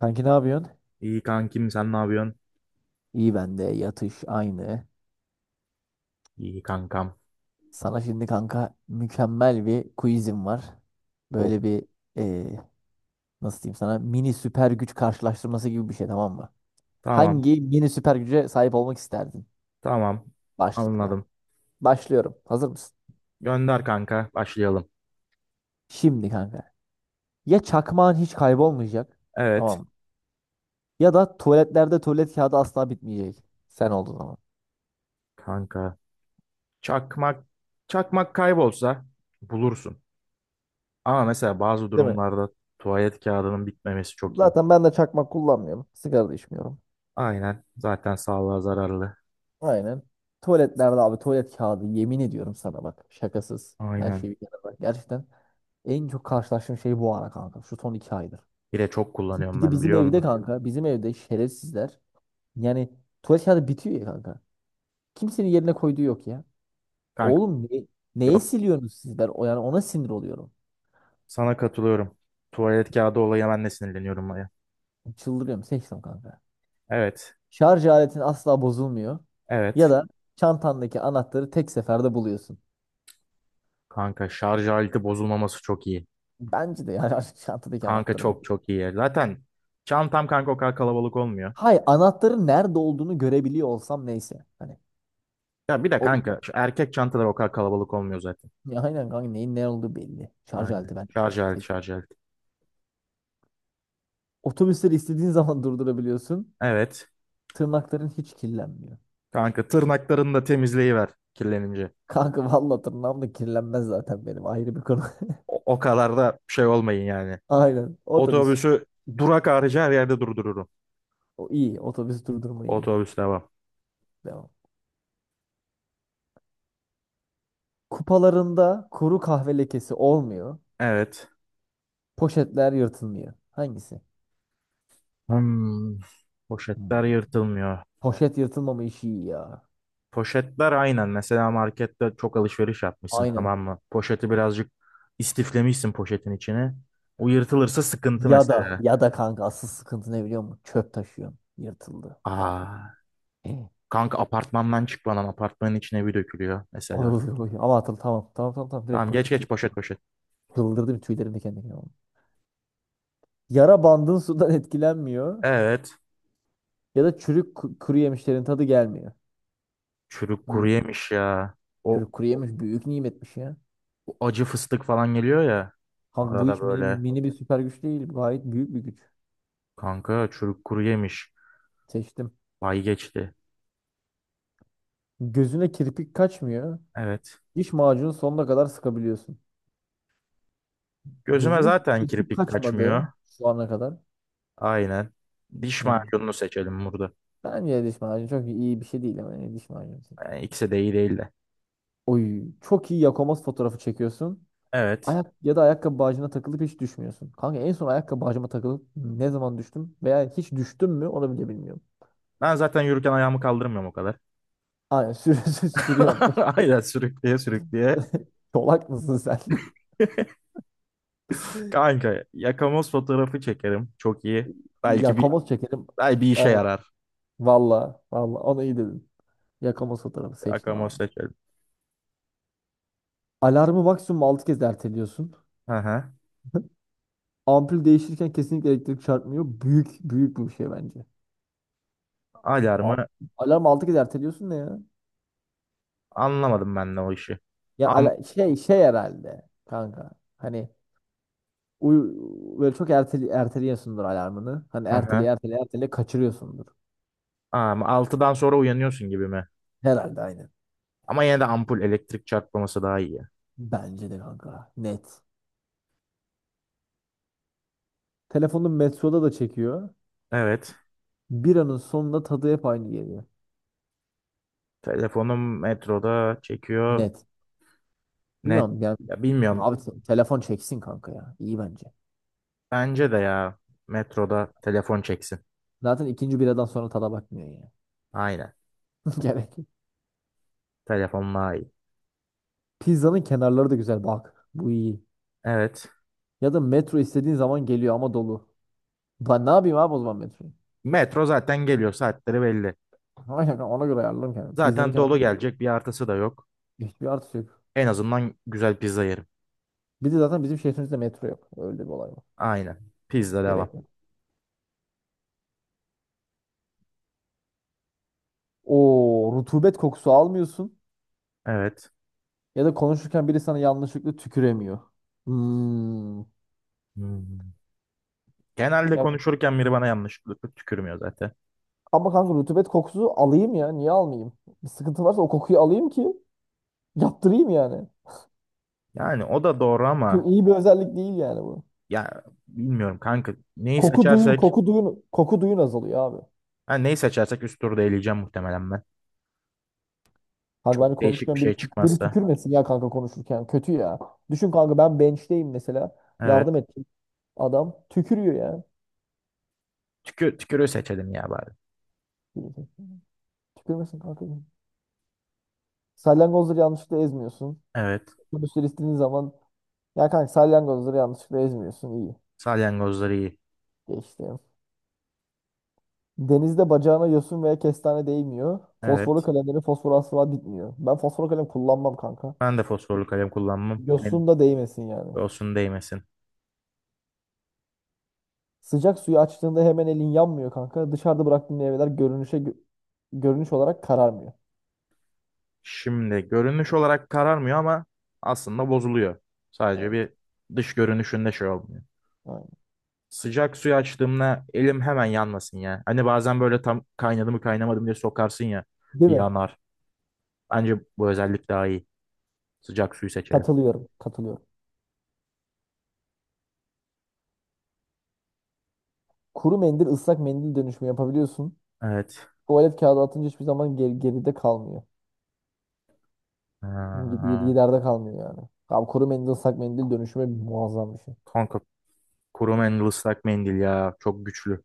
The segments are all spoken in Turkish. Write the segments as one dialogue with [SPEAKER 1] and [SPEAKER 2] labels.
[SPEAKER 1] Kanki ne yapıyorsun?
[SPEAKER 2] İyi kankim, sen ne yapıyorsun?
[SPEAKER 1] İyi ben de yatış aynı.
[SPEAKER 2] İyi kankam.
[SPEAKER 1] Sana şimdi kanka mükemmel bir quizim var.
[SPEAKER 2] O.
[SPEAKER 1] Böyle bir eee, nasıl diyeyim sana mini süper güç karşılaştırması gibi bir şey, tamam mı?
[SPEAKER 2] Tamam.
[SPEAKER 1] Hangi mini süper güce sahip olmak isterdin?
[SPEAKER 2] Tamam.
[SPEAKER 1] Başlıklı.
[SPEAKER 2] Anladım.
[SPEAKER 1] Başlıyorum. Hazır mısın?
[SPEAKER 2] Gönder kanka. Başlayalım.
[SPEAKER 1] Şimdi kanka, ya çakmağın hiç kaybolmayacak,
[SPEAKER 2] Evet.
[SPEAKER 1] tamam mı? Ya da tuvaletlerde tuvalet kağıdı asla bitmeyecek. Sen olduğun zaman.
[SPEAKER 2] Kanka. Çakmak. Çakmak kaybolsa bulursun. Ama mesela bazı
[SPEAKER 1] Değil mi?
[SPEAKER 2] durumlarda tuvalet kağıdının bitmemesi çok iyi.
[SPEAKER 1] Zaten ben de çakmak kullanmıyorum. Sigara da içmiyorum.
[SPEAKER 2] Aynen. Zaten sağlığa zararlı.
[SPEAKER 1] Aynen. Tuvaletlerde abi tuvalet kağıdı, yemin ediyorum sana bak. Şakasız. Her şeyi
[SPEAKER 2] Aynen.
[SPEAKER 1] bir kenara bak. Gerçekten en çok karşılaştığım şey bu ara kanka. Şu son 2 aydır.
[SPEAKER 2] Bir de çok kullanıyorum,
[SPEAKER 1] Bir de
[SPEAKER 2] ben
[SPEAKER 1] bizim
[SPEAKER 2] biliyor
[SPEAKER 1] evde
[SPEAKER 2] musun?
[SPEAKER 1] kanka. Bizim evde şerefsizler. Yani tuvalet kağıdı bitiyor ya kanka. Kimsenin yerine koyduğu yok ya.
[SPEAKER 2] Kanka
[SPEAKER 1] Oğlum neye
[SPEAKER 2] yok.
[SPEAKER 1] siliyorsunuz siz? Ben yani ona sinir oluyorum.
[SPEAKER 2] Sana katılıyorum. Tuvalet kağıdı olayı, ben de sinirleniyorum ya.
[SPEAKER 1] Çıldırıyorum. Seçtim kanka.
[SPEAKER 2] Evet.
[SPEAKER 1] Şarj aletin asla bozulmuyor. Ya
[SPEAKER 2] Evet.
[SPEAKER 1] da çantandaki anahtarı tek seferde buluyorsun.
[SPEAKER 2] Kanka şarj aleti bozulmaması çok iyi.
[SPEAKER 1] Bence de yani çantadaki
[SPEAKER 2] Kanka
[SPEAKER 1] anahtarı bul.
[SPEAKER 2] çok çok iyi. Zaten çantam kanka o kadar kalabalık olmuyor.
[SPEAKER 1] Hay anahtarın nerede olduğunu görebiliyor olsam neyse. Hani
[SPEAKER 2] Ya bir de
[SPEAKER 1] o
[SPEAKER 2] kanka şu erkek çantalar o kadar kalabalık olmuyor zaten.
[SPEAKER 1] ya aynen kanka, neyin ne olduğu belli. Şarj
[SPEAKER 2] Aynen.
[SPEAKER 1] aleti ben.
[SPEAKER 2] Şarj aleti, şarj aleti.
[SPEAKER 1] Otobüsleri istediğin zaman durdurabiliyorsun.
[SPEAKER 2] Evet.
[SPEAKER 1] Tırnakların hiç kirlenmiyor.
[SPEAKER 2] Kanka tırnaklarını da temizleyiver kirlenince.
[SPEAKER 1] Kanka valla tırnağım da kirlenmez zaten, benim ayrı bir konu.
[SPEAKER 2] O kadar da şey olmayın yani.
[SPEAKER 1] Aynen otobüs.
[SPEAKER 2] Otobüsü durak harici her yerde durdururum.
[SPEAKER 1] O iyi, otobüs durdurma iyi.
[SPEAKER 2] Otobüs devam.
[SPEAKER 1] Devam. Kupalarında kuru kahve lekesi olmuyor.
[SPEAKER 2] Evet.
[SPEAKER 1] Poşetler yırtılmıyor. Hangisi?
[SPEAKER 2] Hmm,
[SPEAKER 1] Hmm.
[SPEAKER 2] poşetler yırtılmıyor.
[SPEAKER 1] Poşet yırtılmama işi iyi ya.
[SPEAKER 2] Poşetler aynen. Mesela markette çok alışveriş yapmışsın,
[SPEAKER 1] Aynen.
[SPEAKER 2] tamam mı? Poşeti birazcık istiflemişsin poşetin içine. O yırtılırsa sıkıntı
[SPEAKER 1] Ya da
[SPEAKER 2] mesela.
[SPEAKER 1] ya da kanka asıl sıkıntı ne biliyor musun? Çöp taşıyorsun. Yırtıldı. Anam.
[SPEAKER 2] Aa,
[SPEAKER 1] Ay,
[SPEAKER 2] kanka apartmandan çıkmadan apartmanın içine bir dökülüyor
[SPEAKER 1] oy,
[SPEAKER 2] mesela.
[SPEAKER 1] oy. Ama atıl tamam. Tamam tamam tamam. Direkt
[SPEAKER 2] Tamam, geç
[SPEAKER 1] poşet.
[SPEAKER 2] geç, poşet poşet.
[SPEAKER 1] Çıldırdım, tüylerim diken diken oldu. Yara bandın sudan etkilenmiyor.
[SPEAKER 2] Evet.
[SPEAKER 1] Ya da çürük kuru yemişlerin tadı gelmiyor.
[SPEAKER 2] Çürük kuru
[SPEAKER 1] Hmm.
[SPEAKER 2] yemiş ya. O,
[SPEAKER 1] Çürük kuru yemiş büyük nimetmiş ya.
[SPEAKER 2] o acı fıstık falan geliyor ya.
[SPEAKER 1] Kanka bu
[SPEAKER 2] Arada
[SPEAKER 1] hiç mini,
[SPEAKER 2] böyle.
[SPEAKER 1] mini bir süper güç değil. Gayet büyük bir güç.
[SPEAKER 2] Kanka çürük kuru yemiş.
[SPEAKER 1] Seçtim.
[SPEAKER 2] Vay, geçti.
[SPEAKER 1] Gözüne kirpik kaçmıyor.
[SPEAKER 2] Evet.
[SPEAKER 1] Diş macunu sonuna kadar sıkabiliyorsun.
[SPEAKER 2] Gözüme
[SPEAKER 1] Gözüme hiç
[SPEAKER 2] zaten
[SPEAKER 1] kirpik
[SPEAKER 2] kirpik kaçmıyor.
[SPEAKER 1] kaçmadı şu ana kadar.
[SPEAKER 2] Aynen. Diş
[SPEAKER 1] Yani
[SPEAKER 2] macununu seçelim burada.
[SPEAKER 1] bence diş macunu çok iyi bir şey değil, ama ne diş macunu.
[SPEAKER 2] Yani ikisi de iyi değildi.
[SPEAKER 1] Oy çok iyi Yakomaz fotoğrafı çekiyorsun.
[SPEAKER 2] Evet.
[SPEAKER 1] Ayak ya da ayakkabı bağcığına takılıp hiç düşmüyorsun. Kanka en son ayakkabı bağcığıma takılıp ne zaman düştüm veya hiç düştüm mü onu bile bilmiyorum.
[SPEAKER 2] Ben zaten yürürken ayağımı kaldırmıyorum o kadar.
[SPEAKER 1] Aynen sürüyorsun.
[SPEAKER 2] Aynen, sürükleye sürükleye.
[SPEAKER 1] Çolak mısın sen?
[SPEAKER 2] Kanka yakamoz fotoğrafı çekerim. Çok iyi. Belki bir
[SPEAKER 1] Yakomaz çekelim.
[SPEAKER 2] Belki bir işe
[SPEAKER 1] Aynen.
[SPEAKER 2] yarar.
[SPEAKER 1] Valla valla onu iyi dedin. Yakomaz fotoğrafı seçtim
[SPEAKER 2] Yakamoz
[SPEAKER 1] abi.
[SPEAKER 2] seçerim.
[SPEAKER 1] Alarmı maksimum 6 kez erteliyorsun.
[SPEAKER 2] Hı hı.
[SPEAKER 1] Ampul değişirken kesinlikle elektrik çarpmıyor. Büyük büyük bir şey bence. A-
[SPEAKER 2] Alarmı
[SPEAKER 1] Alarm 6 kez erteliyorsun ne ya?
[SPEAKER 2] anlamadım ben de o işi.
[SPEAKER 1] Ya
[SPEAKER 2] Am
[SPEAKER 1] şey herhalde kanka. Hani uy böyle çok erteli erteliyorsundur alarmını. Hani
[SPEAKER 2] hı
[SPEAKER 1] erteli
[SPEAKER 2] hı.
[SPEAKER 1] erteli erteli kaçırıyorsundur.
[SPEAKER 2] Am 6'dan sonra uyanıyorsun gibi mi?
[SPEAKER 1] Herhalde aynı.
[SPEAKER 2] Ama yine de ampul elektrik çarpmaması daha iyi.
[SPEAKER 1] Bence de kanka. Net. Telefonun metroda da çekiyor.
[SPEAKER 2] Evet.
[SPEAKER 1] Bir anın sonunda tadı hep aynı geliyor.
[SPEAKER 2] Telefonum metroda çekiyor.
[SPEAKER 1] Net.
[SPEAKER 2] Net.
[SPEAKER 1] Bilmiyorum yani
[SPEAKER 2] Ya bilmiyorum.
[SPEAKER 1] abi, telefon çeksin kanka ya. İyi bence.
[SPEAKER 2] Bence de ya, metroda telefon çeksin.
[SPEAKER 1] Zaten ikinci biradan sonra tada bakmıyor ya.
[SPEAKER 2] Aynen.
[SPEAKER 1] Gerek yok.
[SPEAKER 2] Telefon iyi.
[SPEAKER 1] Pizzanın kenarları da güzel bak. Bu iyi.
[SPEAKER 2] Evet.
[SPEAKER 1] Ya da metro istediğin zaman geliyor ama dolu. Ben ne yapayım abi o zaman metro?
[SPEAKER 2] Metro zaten geliyor. Saatleri belli.
[SPEAKER 1] Ama yani ona göre ayarlarım kendimi. Pizzanın
[SPEAKER 2] Zaten dolu
[SPEAKER 1] kenarında
[SPEAKER 2] gelecek. Bir artısı da yok.
[SPEAKER 1] hiçbir artısı yok.
[SPEAKER 2] En azından güzel pizza yerim.
[SPEAKER 1] Bir de zaten bizim şehrimizde metro yok. Öyle bir olay var.
[SPEAKER 2] Aynen. Pizza
[SPEAKER 1] Gerek
[SPEAKER 2] devam.
[SPEAKER 1] yok. O rutubet kokusu almıyorsun.
[SPEAKER 2] Evet.
[SPEAKER 1] Ya da konuşurken biri sana yanlışlıkla tüküremiyor. Hmm.
[SPEAKER 2] Hmm. Genelde
[SPEAKER 1] Ya,
[SPEAKER 2] konuşurken biri bana yanlışlıkla tükürmüyor zaten.
[SPEAKER 1] ama kanka rutubet kokusu alayım ya. Niye almayayım? Bir sıkıntı varsa o kokuyu alayım ki yaptırayım yani.
[SPEAKER 2] Yani o da doğru ama
[SPEAKER 1] Çok iyi bir özellik değil yani bu.
[SPEAKER 2] ya bilmiyorum kanka.
[SPEAKER 1] Koku duyun, koku duyun, koku duyun azalıyor abi.
[SPEAKER 2] Neyi seçersek üst turda eleyeceğim muhtemelen ben.
[SPEAKER 1] Kanka ben de
[SPEAKER 2] Çok değişik bir
[SPEAKER 1] konuşurken
[SPEAKER 2] şey
[SPEAKER 1] biri
[SPEAKER 2] çıkmazsa.
[SPEAKER 1] tükürmesin ya kanka konuşurken. Kötü ya. Düşün kanka ben bench'teyim mesela.
[SPEAKER 2] Evet.
[SPEAKER 1] Yardım ettim. Adam tükürüyor ya.
[SPEAKER 2] Tükür, tükürüğü seçelim ya bari.
[SPEAKER 1] Tükürmesin kanka. Salyangozları yanlışlıkla ezmiyorsun.
[SPEAKER 2] Evet.
[SPEAKER 1] Otobüsleri istediğin zaman, ya kanka salyangozları yanlışlıkla ezmiyorsun. İyi.
[SPEAKER 2] Salyangozları iyi.
[SPEAKER 1] Geçtim. Denizde bacağına yosun veya kestane değmiyor. Fosforlu
[SPEAKER 2] Evet.
[SPEAKER 1] kalemlerin fosforu asla bitmiyor. Ben fosforlu kalem kullanmam kanka.
[SPEAKER 2] Ben de fosforlu kalem kullanmam. Yani
[SPEAKER 1] Yosun da değmesin yani.
[SPEAKER 2] olsun, değmesin.
[SPEAKER 1] Sıcak suyu açtığında hemen elin yanmıyor kanka. Dışarıda bıraktığın meyveler görünüş olarak kararmıyor.
[SPEAKER 2] Şimdi görünüş olarak kararmıyor ama aslında bozuluyor. Sadece
[SPEAKER 1] Evet.
[SPEAKER 2] bir dış görünüşünde şey olmuyor.
[SPEAKER 1] Aynen.
[SPEAKER 2] Sıcak suyu açtığımda elim hemen yanmasın ya. Hani bazen böyle tam kaynadı mı kaynamadı mı diye sokarsın ya,
[SPEAKER 1] Değil mi?
[SPEAKER 2] yanar. Bence bu özellik daha iyi. Sıcak suyu seçelim.
[SPEAKER 1] Katılıyorum. Katılıyorum. Kuru mendil ıslak mendil dönüşümü yapabiliyorsun.
[SPEAKER 2] Evet.
[SPEAKER 1] Tuvalet kağıdı atınca hiçbir zaman geride kalmıyor.
[SPEAKER 2] Ha,
[SPEAKER 1] Giderde kalmıyor yani. Abi kuru mendil ıslak mendil dönüşümü muazzam bir şey.
[SPEAKER 2] kanka kuru mendil ıslak mendil ya. Çok güçlü.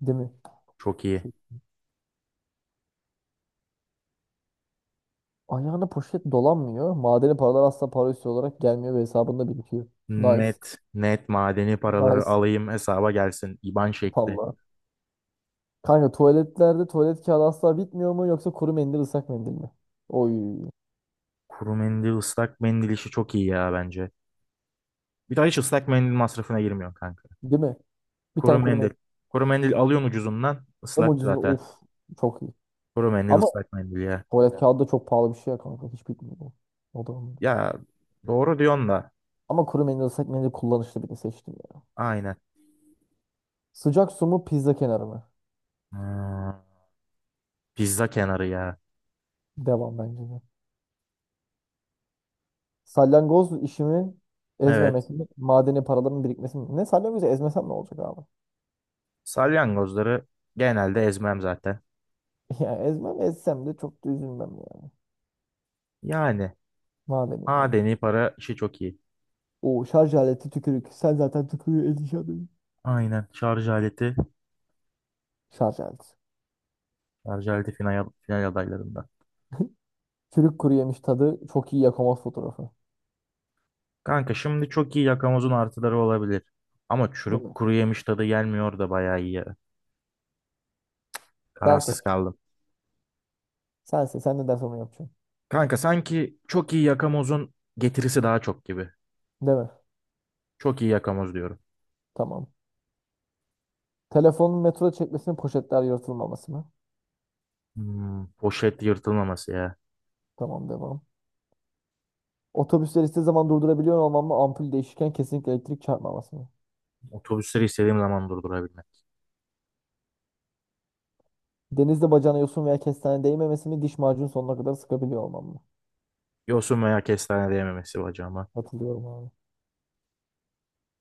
[SPEAKER 1] Değil mi?
[SPEAKER 2] Çok iyi.
[SPEAKER 1] Ayağına poşet dolanmıyor. Madeni paralar asla para üstü olarak gelmiyor ve hesabında birikiyor. Nice.
[SPEAKER 2] Net net, madeni paraları
[SPEAKER 1] Nice.
[SPEAKER 2] alayım hesaba gelsin. IBAN şekli.
[SPEAKER 1] Vallahi. Kanka tuvaletlerde tuvalet kağıdı asla bitmiyor mu yoksa kuru mendil ıslak mendil mi? Oy.
[SPEAKER 2] Kuru mendil, ıslak mendil işi çok iyi ya bence. Bir daha hiç ıslak mendil masrafına girmiyorsun kanka.
[SPEAKER 1] Değil mi? Bir
[SPEAKER 2] Kuru
[SPEAKER 1] tane kuru
[SPEAKER 2] mendil.
[SPEAKER 1] mendil.
[SPEAKER 2] Kuru mendil alıyorsun ucuzundan.
[SPEAKER 1] Hem
[SPEAKER 2] Islak
[SPEAKER 1] ucuzunda
[SPEAKER 2] zaten.
[SPEAKER 1] of çok iyi.
[SPEAKER 2] Kuru mendil,
[SPEAKER 1] Ama
[SPEAKER 2] ıslak mendil ya.
[SPEAKER 1] tuvalet kağıdı da çok pahalı bir şey ya kanka. Hiç bitmiyor bu. O da olmadı.
[SPEAKER 2] Ya, doğru diyorsun da.
[SPEAKER 1] Ama kuru mendil ıslak mendil kullanışlı, birini seçtim ya.
[SPEAKER 2] Aynen.
[SPEAKER 1] Sıcak su mu pizza kenarı mı?
[SPEAKER 2] Hmm, pizza kenarı ya.
[SPEAKER 1] Devam bence de. Salyangoz işimi
[SPEAKER 2] Evet.
[SPEAKER 1] ezmemek mi? Madeni paraların birikmesi mi? Ne, salyangozu ezmesem ne olacak abi?
[SPEAKER 2] Salyangozları genelde ezmem zaten.
[SPEAKER 1] Ya ezmem, ezsem de çok da üzülmem yani.
[SPEAKER 2] Yani
[SPEAKER 1] Madeni para.
[SPEAKER 2] madeni para işi çok iyi.
[SPEAKER 1] O şarj aleti tükürük. Sen zaten tükürüğü edeceğim.
[SPEAKER 2] Aynen. Şarj aleti.
[SPEAKER 1] Şarj aleti.
[SPEAKER 2] Şarj aleti final, final adaylarında.
[SPEAKER 1] Çürük kuru yemiş tadı çok iyi yakamaz fotoğrafı.
[SPEAKER 2] Kanka şimdi çok iyi yakamozun artıları olabilir. Ama
[SPEAKER 1] Değil
[SPEAKER 2] çürük
[SPEAKER 1] mi?
[SPEAKER 2] kuru yemiş tadı gelmiyor da bayağı iyi ya.
[SPEAKER 1] Sen seç.
[SPEAKER 2] Kararsız kaldım.
[SPEAKER 1] Sen seç. Sen ne dersen onu yapacaksın.
[SPEAKER 2] Kanka sanki çok iyi yakamozun getirisi daha çok gibi.
[SPEAKER 1] Değil mi?
[SPEAKER 2] Çok iyi yakamoz diyorum.
[SPEAKER 1] Tamam. Telefonun metroda çekmesinin poşetler yırtılmaması mı?
[SPEAKER 2] Hmm, poşet yırtılmaması ya.
[SPEAKER 1] Tamam devam. Otobüsleri istediği zaman durdurabiliyor olmam mı? Ampul değişirken kesinlikle elektrik çarpmaması mı?
[SPEAKER 2] Otobüsleri istediğim zaman durdurabilmek.
[SPEAKER 1] Denizde bacağına yosun veya kestane değmemesi mi? Diş macunu sonuna kadar sıkabiliyor olmam mı?
[SPEAKER 2] Yosun veya kestane diyememesi bacağıma.
[SPEAKER 1] Hatırlıyorum abi.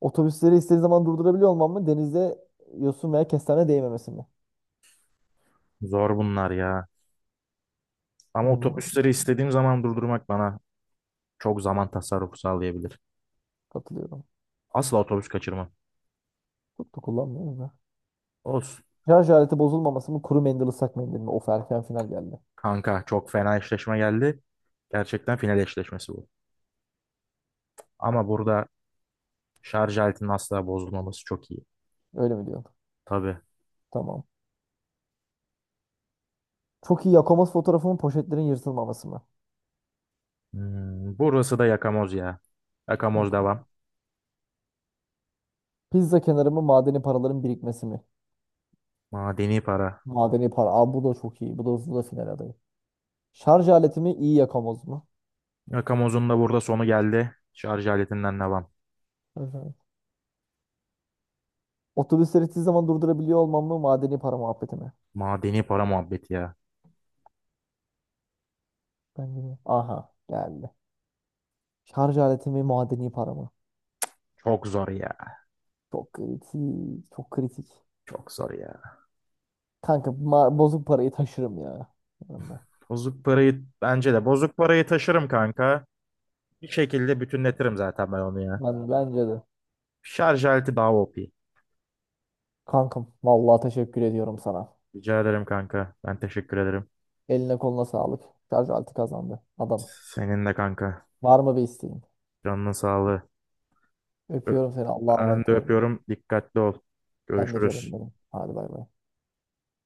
[SPEAKER 1] Otobüsleri istediği zaman durdurabiliyor olmam mı? Denizde yosun veya kestane değmemesi mi?
[SPEAKER 2] Zor bunlar ya. Ama
[SPEAKER 1] Hmm.
[SPEAKER 2] otobüsleri istediğim zaman durdurmak bana çok zaman tasarrufu sağlayabilir.
[SPEAKER 1] Katılıyorum.
[SPEAKER 2] Asla otobüs kaçırmam.
[SPEAKER 1] Çok da kullanmıyoruz da.
[SPEAKER 2] Olsun.
[SPEAKER 1] Şarj aleti bozulmaması mı kuru mendil ıslak mendil mi? Of, erken final geldi.
[SPEAKER 2] Kanka çok fena eşleşme geldi. Gerçekten final eşleşmesi bu. Ama burada şarj aletinin asla bozulmaması çok iyi.
[SPEAKER 1] Öyle mi diyorsun?
[SPEAKER 2] Tabii.
[SPEAKER 1] Tamam. Çok iyi Yakomaz fotoğrafımın poşetlerin yırtılmaması mı?
[SPEAKER 2] Hmm, burası da yakamoz ya. Yakamoz
[SPEAKER 1] Yok.
[SPEAKER 2] devam.
[SPEAKER 1] Pizza kenarı mı madeni paraların birikmesi mi?
[SPEAKER 2] Madeni para.
[SPEAKER 1] Madeni para. Aa, bu da çok iyi. Bu da hızlı da final adayı. Şarj aleti mi iyi Yakomaz mı?
[SPEAKER 2] Yakamozun da burada sonu geldi. Şarj aletinden devam.
[SPEAKER 1] Şarj aleti. Otobüsleri hiçbir zaman durdurabiliyor olmam mı, madeni para muhabbeti mi?
[SPEAKER 2] Madeni para muhabbeti ya.
[SPEAKER 1] Bence de. Aha geldi. Şarj aleti mi madeni para mı?
[SPEAKER 2] Çok zor ya.
[SPEAKER 1] Çok kritik. Çok kritik.
[SPEAKER 2] Çok zor ya.
[SPEAKER 1] Kanka bozuk parayı taşırım ya yanımda.
[SPEAKER 2] Bozuk parayı bence de bozuk parayı taşırım kanka. Bir şekilde bütünletirim zaten ben onu ya.
[SPEAKER 1] Bence de.
[SPEAKER 2] Şarj aleti daha OP.
[SPEAKER 1] Kankam vallahi teşekkür ediyorum sana.
[SPEAKER 2] Rica ederim kanka. Ben teşekkür ederim.
[SPEAKER 1] Eline koluna sağlık. Şarj altı kazandı. Adamız.
[SPEAKER 2] Senin de kanka.
[SPEAKER 1] Var mı bir isteğin?
[SPEAKER 2] Canının sağlığı. Ö-
[SPEAKER 1] Öpüyorum seni. Allah'a
[SPEAKER 2] Ben
[SPEAKER 1] emanet
[SPEAKER 2] de
[SPEAKER 1] olun.
[SPEAKER 2] öpüyorum. Dikkatli ol.
[SPEAKER 1] Ben de
[SPEAKER 2] Görüşürüz.
[SPEAKER 1] canım benim. Hadi bay bay.